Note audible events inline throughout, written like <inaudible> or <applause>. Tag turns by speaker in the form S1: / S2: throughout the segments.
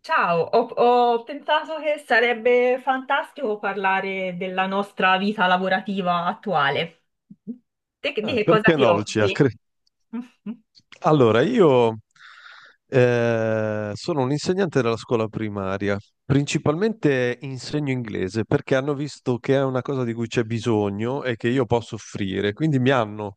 S1: Ciao, ho pensato che sarebbe fantastico parlare della nostra vita lavorativa attuale. Te di che cosa
S2: Perché
S1: ti
S2: no, Lucia?
S1: occupi?
S2: Allora, io sono un insegnante della scuola primaria, principalmente insegno inglese perché hanno visto che è una cosa di cui c'è bisogno e che io posso offrire, quindi mi hanno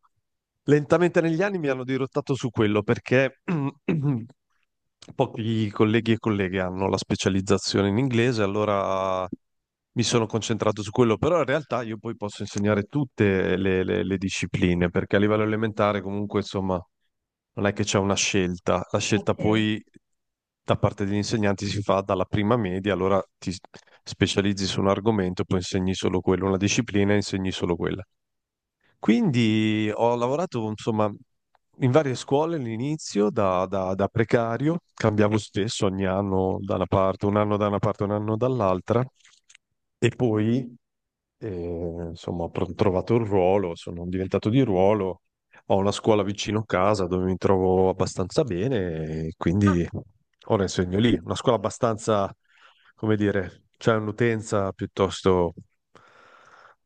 S2: lentamente negli anni mi hanno dirottato su quello perché <clears throat> pochi colleghi e colleghe hanno la specializzazione in inglese, allora mi sono concentrato su quello, però in realtà io poi posso insegnare tutte le discipline, perché a livello elementare comunque insomma non è che c'è una scelta, la
S1: Ok,
S2: scelta poi da parte degli insegnanti si fa dalla prima media, allora ti specializzi su un argomento, poi insegni solo quello, una disciplina e insegni solo quella. Quindi ho lavorato, insomma, in varie scuole all'inizio, da precario, cambiavo spesso ogni anno da una parte, un anno da una parte, un anno dall'altra, e poi, insomma, ho trovato il ruolo, sono diventato di ruolo, ho una scuola vicino casa dove mi trovo abbastanza bene, e quindi ora insegno lì, una scuola abbastanza, come dire, c'è un'utenza piuttosto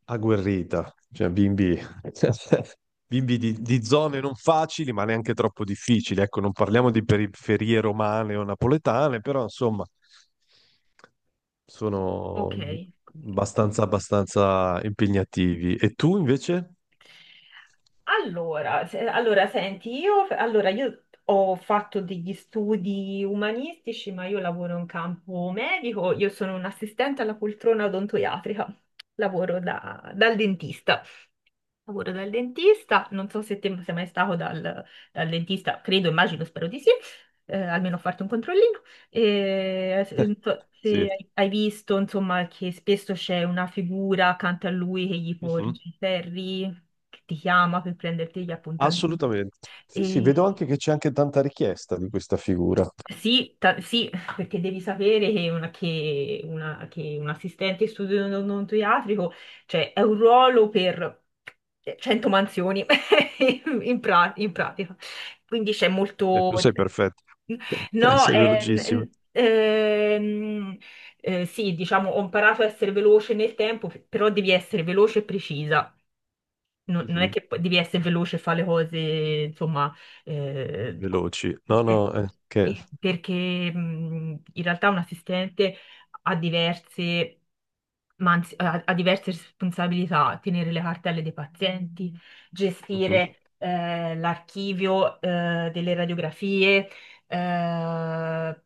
S2: agguerrita, cioè bimbi di zone non facili, ma neanche troppo difficili. Ecco, non parliamo di periferie romane o napoletane, però insomma,
S1: ok.
S2: sono abbastanza, abbastanza impegnativi. E tu invece?
S1: Allora, senti, allora, io ho fatto degli studi umanistici, ma io lavoro in campo medico, io sono un assistente alla poltrona odontoiatrica, lavoro dal dentista. Lavoro dal dentista, non so se te sei mai stato dal dal dentista, credo, immagino, spero di sì, almeno farti un controllino. E, se
S2: Sì.
S1: hai visto, insomma, che spesso c'è una figura accanto a lui che gli
S2: Mhm.
S1: porge i ferri, che ti chiama per prenderti gli appuntamenti.
S2: Assolutamente. Sì, sì, vedo
S1: E
S2: anche che c'è anche tanta richiesta di questa figura.
S1: sì, sì, perché devi sapere che, che un assistente in studio odontoiatrico, cioè, è un ruolo per 100 mansioni <laughs> in, in pratica. Quindi c'è
S2: E
S1: molto.
S2: tu sei perfetto, <laughs>
S1: No,
S2: sei velocissimo.
S1: sì, diciamo, ho imparato a essere veloce nel tempo, però devi essere veloce e precisa, non è
S2: Mhm.
S1: che poi devi essere veloce e fare le cose, insomma, eh, co-
S2: Veloci. No, no,
S1: ecco.
S2: che...
S1: E perché in realtà un assistente ha diverse, ma anzi, ha diverse responsabilità: tenere le cartelle dei pazienti,
S2: Mhm.
S1: gestire l'archivio delle radiografie, eh,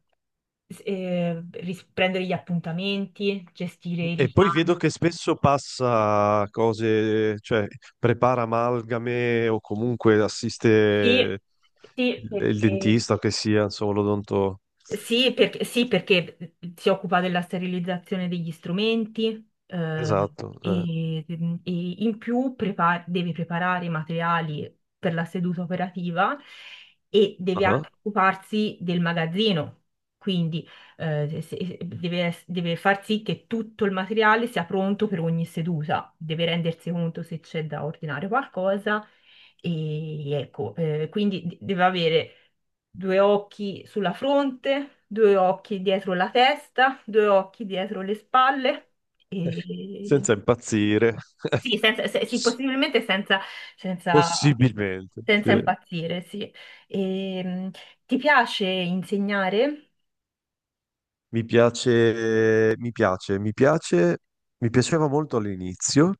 S1: prendere gli appuntamenti, gestire i
S2: E poi
S1: richiami.
S2: vedo che spesso passa cose, cioè prepara amalgame o comunque assiste
S1: Sì, sì,
S2: il
S1: perché
S2: dentista che sia, insomma, l'odonto.
S1: Sì, perché, sì, perché si occupa della sterilizzazione degli strumenti,
S2: Esatto. Eh.
S1: e in più deve preparare i materiali per la seduta operativa e deve
S2: Ah.
S1: anche occuparsi del magazzino. Quindi deve, deve far sì che tutto il materiale sia pronto per ogni seduta, deve rendersi conto se c'è da ordinare qualcosa, e ecco, quindi deve avere due occhi sulla fronte, due occhi dietro la testa, due occhi dietro le spalle, e
S2: Senza impazzire. <laughs>
S1: sì, sì, possibilmente senza,
S2: Possibilmente,
S1: senza,
S2: sì.
S1: impazzire, sì. Ehm, Ti piace insegnare?
S2: Mi piace, mi piace, mi piace, mi piaceva molto all'inizio.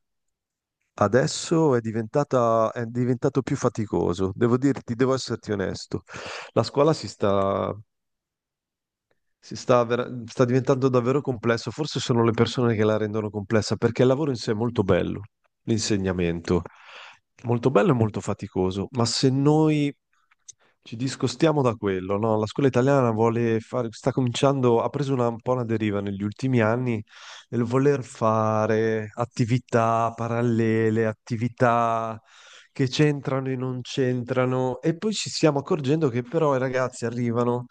S2: Adesso è diventata, è diventato più faticoso, devo dirti, devo esserti onesto. La scuola sta diventando davvero complesso, forse sono le persone che la rendono complessa, perché il lavoro in sé è molto bello, l'insegnamento, molto bello e molto faticoso, ma se noi ci discostiamo da quello, no? La scuola italiana vuole fare, sta cominciando, ha preso un po' una deriva negli ultimi anni nel voler fare attività parallele, attività che c'entrano e non c'entrano, e poi ci stiamo accorgendo che però i ragazzi arrivano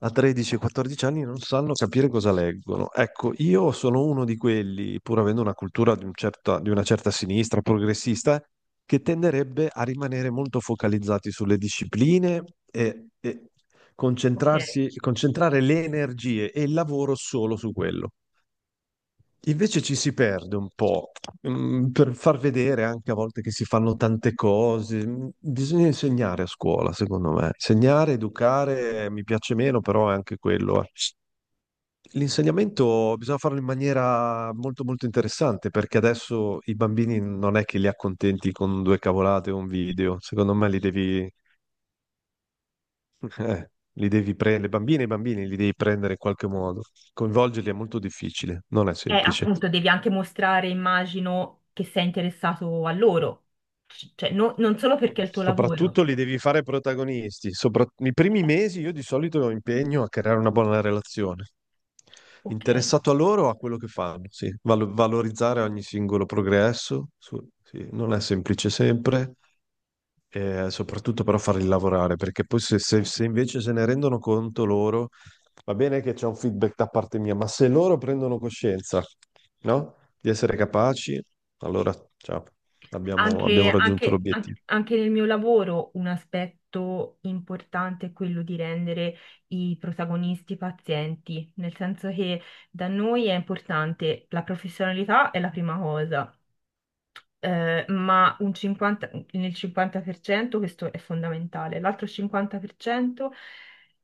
S2: a 13-14 anni non sanno capire cosa leggono. Ecco, io sono uno di quelli, pur avendo una cultura di, di una certa sinistra progressista, che tenderebbe a rimanere molto focalizzati sulle discipline e
S1: Ok,
S2: concentrare le energie e il lavoro solo su quello. Invece ci si perde un po', per far vedere anche a volte che si fanno tante cose. Bisogna insegnare a scuola, secondo me. Insegnare, educare, mi piace meno, però è anche quello. Eh. L'insegnamento bisogna farlo in maniera molto molto interessante, perché adesso i bambini non è che li accontenti con due cavolate o un video. Secondo me li devi, <laughs> eh, li devi prendere, le bambine e i bambini li devi prendere in qualche modo. Coinvolgerli è molto difficile, non è semplice.
S1: appunto devi anche mostrare, immagino, che sei interessato a loro. Cioè non solo perché è il tuo lavoro.
S2: Soprattutto li devi fare protagonisti. I primi
S1: Eh,
S2: mesi io di solito impegno a creare una buona relazione.
S1: Ok.
S2: Interessato a loro, a quello che fanno, sì. Valorizzare ogni singolo progresso, sì. Non è semplice sempre, e soprattutto però farli lavorare, perché poi se invece se ne rendono conto loro, va bene che c'è un feedback da parte mia, ma se loro prendono coscienza, no? Di essere capaci, allora, ciao, abbiamo
S1: Anche,
S2: raggiunto
S1: anche- an-
S2: l'obiettivo.
S1: anche nel mio lavoro un aspetto importante è quello di rendere i protagonisti pazienti, nel senso che da noi è importante, la professionalità è la prima cosa, ma un 50 nel 50% questo è fondamentale. L'altro 50%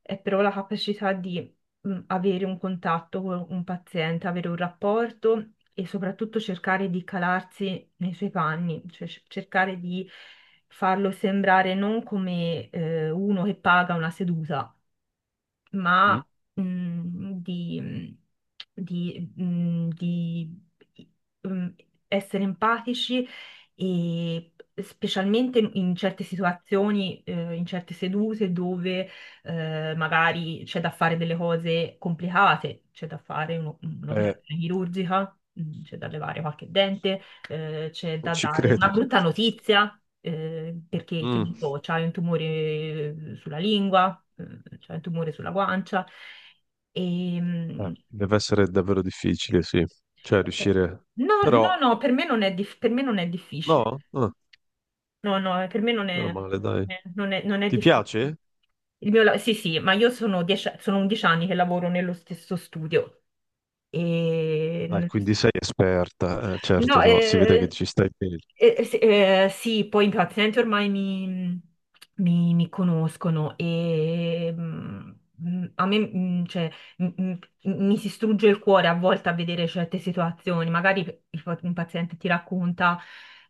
S1: è però la capacità di avere un contatto con un paziente, avere un rapporto e soprattutto cercare di calarsi nei suoi panni, cioè cercare di farlo sembrare non come uno che paga una seduta,
S2: Mm?
S1: ma mm, di, mhmm, di, mm, essere empatici, e specialmente in certe situazioni, in certe sedute dove magari c'è da fare delle cose complicate, c'è da fare
S2: Eh,
S1: un'operazione chirurgica, c'è da levare qualche dente, c'è da
S2: ci
S1: dare una
S2: credo.
S1: brutta notizia, perché che ne
S2: Mm.
S1: so, c'hai un tumore sulla lingua, c'hai un tumore sulla guancia. E, mm,
S2: Deve essere davvero difficile, sì. Cioè,
S1: eh,
S2: riuscire...
S1: no,
S2: Però,
S1: no, no, per me non è difficile.
S2: no? Ah,
S1: No, no, per me non
S2: meno
S1: è,
S2: male, dai.
S1: non è, non è
S2: Ti
S1: difficile.
S2: piace?
S1: Sì, sì, ma io sono 11 anni che lavoro nello stesso studio.
S2: Dai,
S1: E
S2: quindi sei esperta.
S1: no,
S2: Certo, no, si vede che ci stai bene.
S1: sì, sì, poi i pazienti ormai mi conoscono, e a me, cioè, m- m- mi si strugge il cuore a volte a vedere certe situazioni. Magari un paziente ti racconta,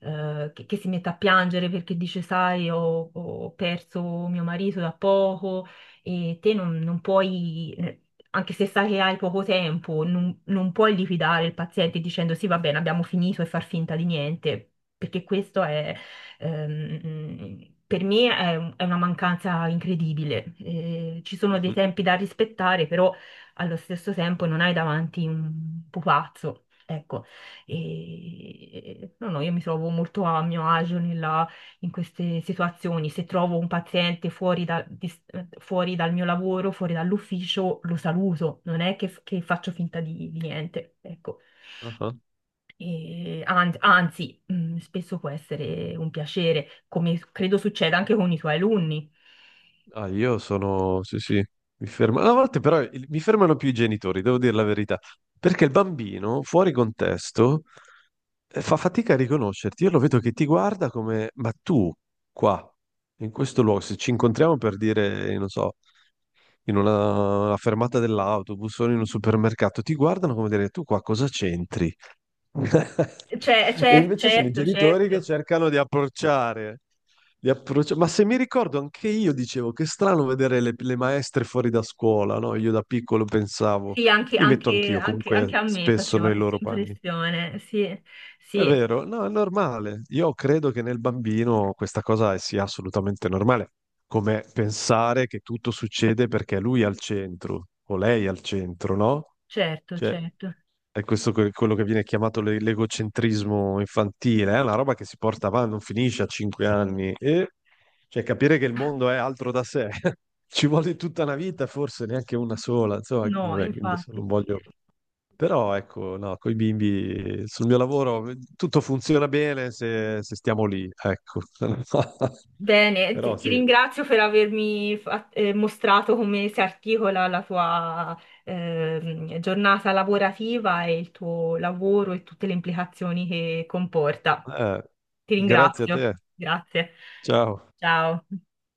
S1: che, si mette a piangere perché dice: "Sai, ho perso mio marito da poco", e te non puoi, anche se sai che hai poco tempo, non puoi liquidare il paziente dicendo: "Sì, va bene, abbiamo finito", e far finta di niente, perché questo è, per me, è una mancanza incredibile. Ci sono dei
S2: Mhm.
S1: tempi da rispettare, però allo stesso tempo non hai davanti un pupazzo. Ecco. No no, io mi trovo molto a mio agio nella in queste situazioni. Se trovo un paziente fuori, fuori dal mio lavoro, fuori dall'ufficio, lo saluto. Non è che, faccio finta di niente, ecco.
S2: Ah ah.
S1: Anzi, spesso può essere un piacere, come credo succeda anche con i tuoi alunni.
S2: Ah, io sono... Sì, sì, mi fermo. A volte però mi fermano più i genitori, devo dire la verità, perché il bambino, fuori contesto, fa fatica a riconoscerti. Io lo vedo che ti guarda come, ma tu, qua, in questo luogo, se ci incontriamo per dire, non so, in una fermata dell'autobus o in un supermercato, ti guardano come dire, tu qua cosa c'entri? <laughs>
S1: Cioè,
S2: E invece sono i
S1: certo,
S2: genitori che
S1: certo.
S2: cercano di approcciare, ma se mi ricordo, anche io dicevo che è strano vedere le maestre fuori da scuola, no? Io da piccolo pensavo,
S1: Sì,
S2: mi metto anch'io comunque
S1: anche a me
S2: spesso
S1: faceva
S2: nei
S1: questa
S2: loro panni.
S1: impressione. Sì,
S2: È
S1: sì,
S2: vero, no, è normale. Io credo che nel bambino questa cosa sia assolutamente normale, come pensare che tutto succede perché lui è al centro o lei è al centro, no?
S1: certo,
S2: Cioè,
S1: certo.
S2: è questo quello che viene chiamato l'egocentrismo infantile, è una roba che si porta avanti, non finisce a 5 anni. E cioè, capire che il mondo è altro da sé <laughs> ci vuole tutta una vita, forse neanche una sola. Insomma,
S1: No,
S2: vabbè, adesso non
S1: infatti.
S2: voglio. Però ecco, no, con i bimbi sul mio lavoro tutto funziona bene se stiamo lì, ecco. <laughs>
S1: Bene,
S2: Però
S1: ti
S2: sì,
S1: ringrazio per avermi mostrato come si articola la tua giornata lavorativa e il tuo lavoro e tutte le implicazioni che comporta.
S2: Eh,
S1: Ti
S2: grazie a
S1: ringrazio.
S2: te.
S1: Grazie.
S2: Ciao.
S1: Ciao.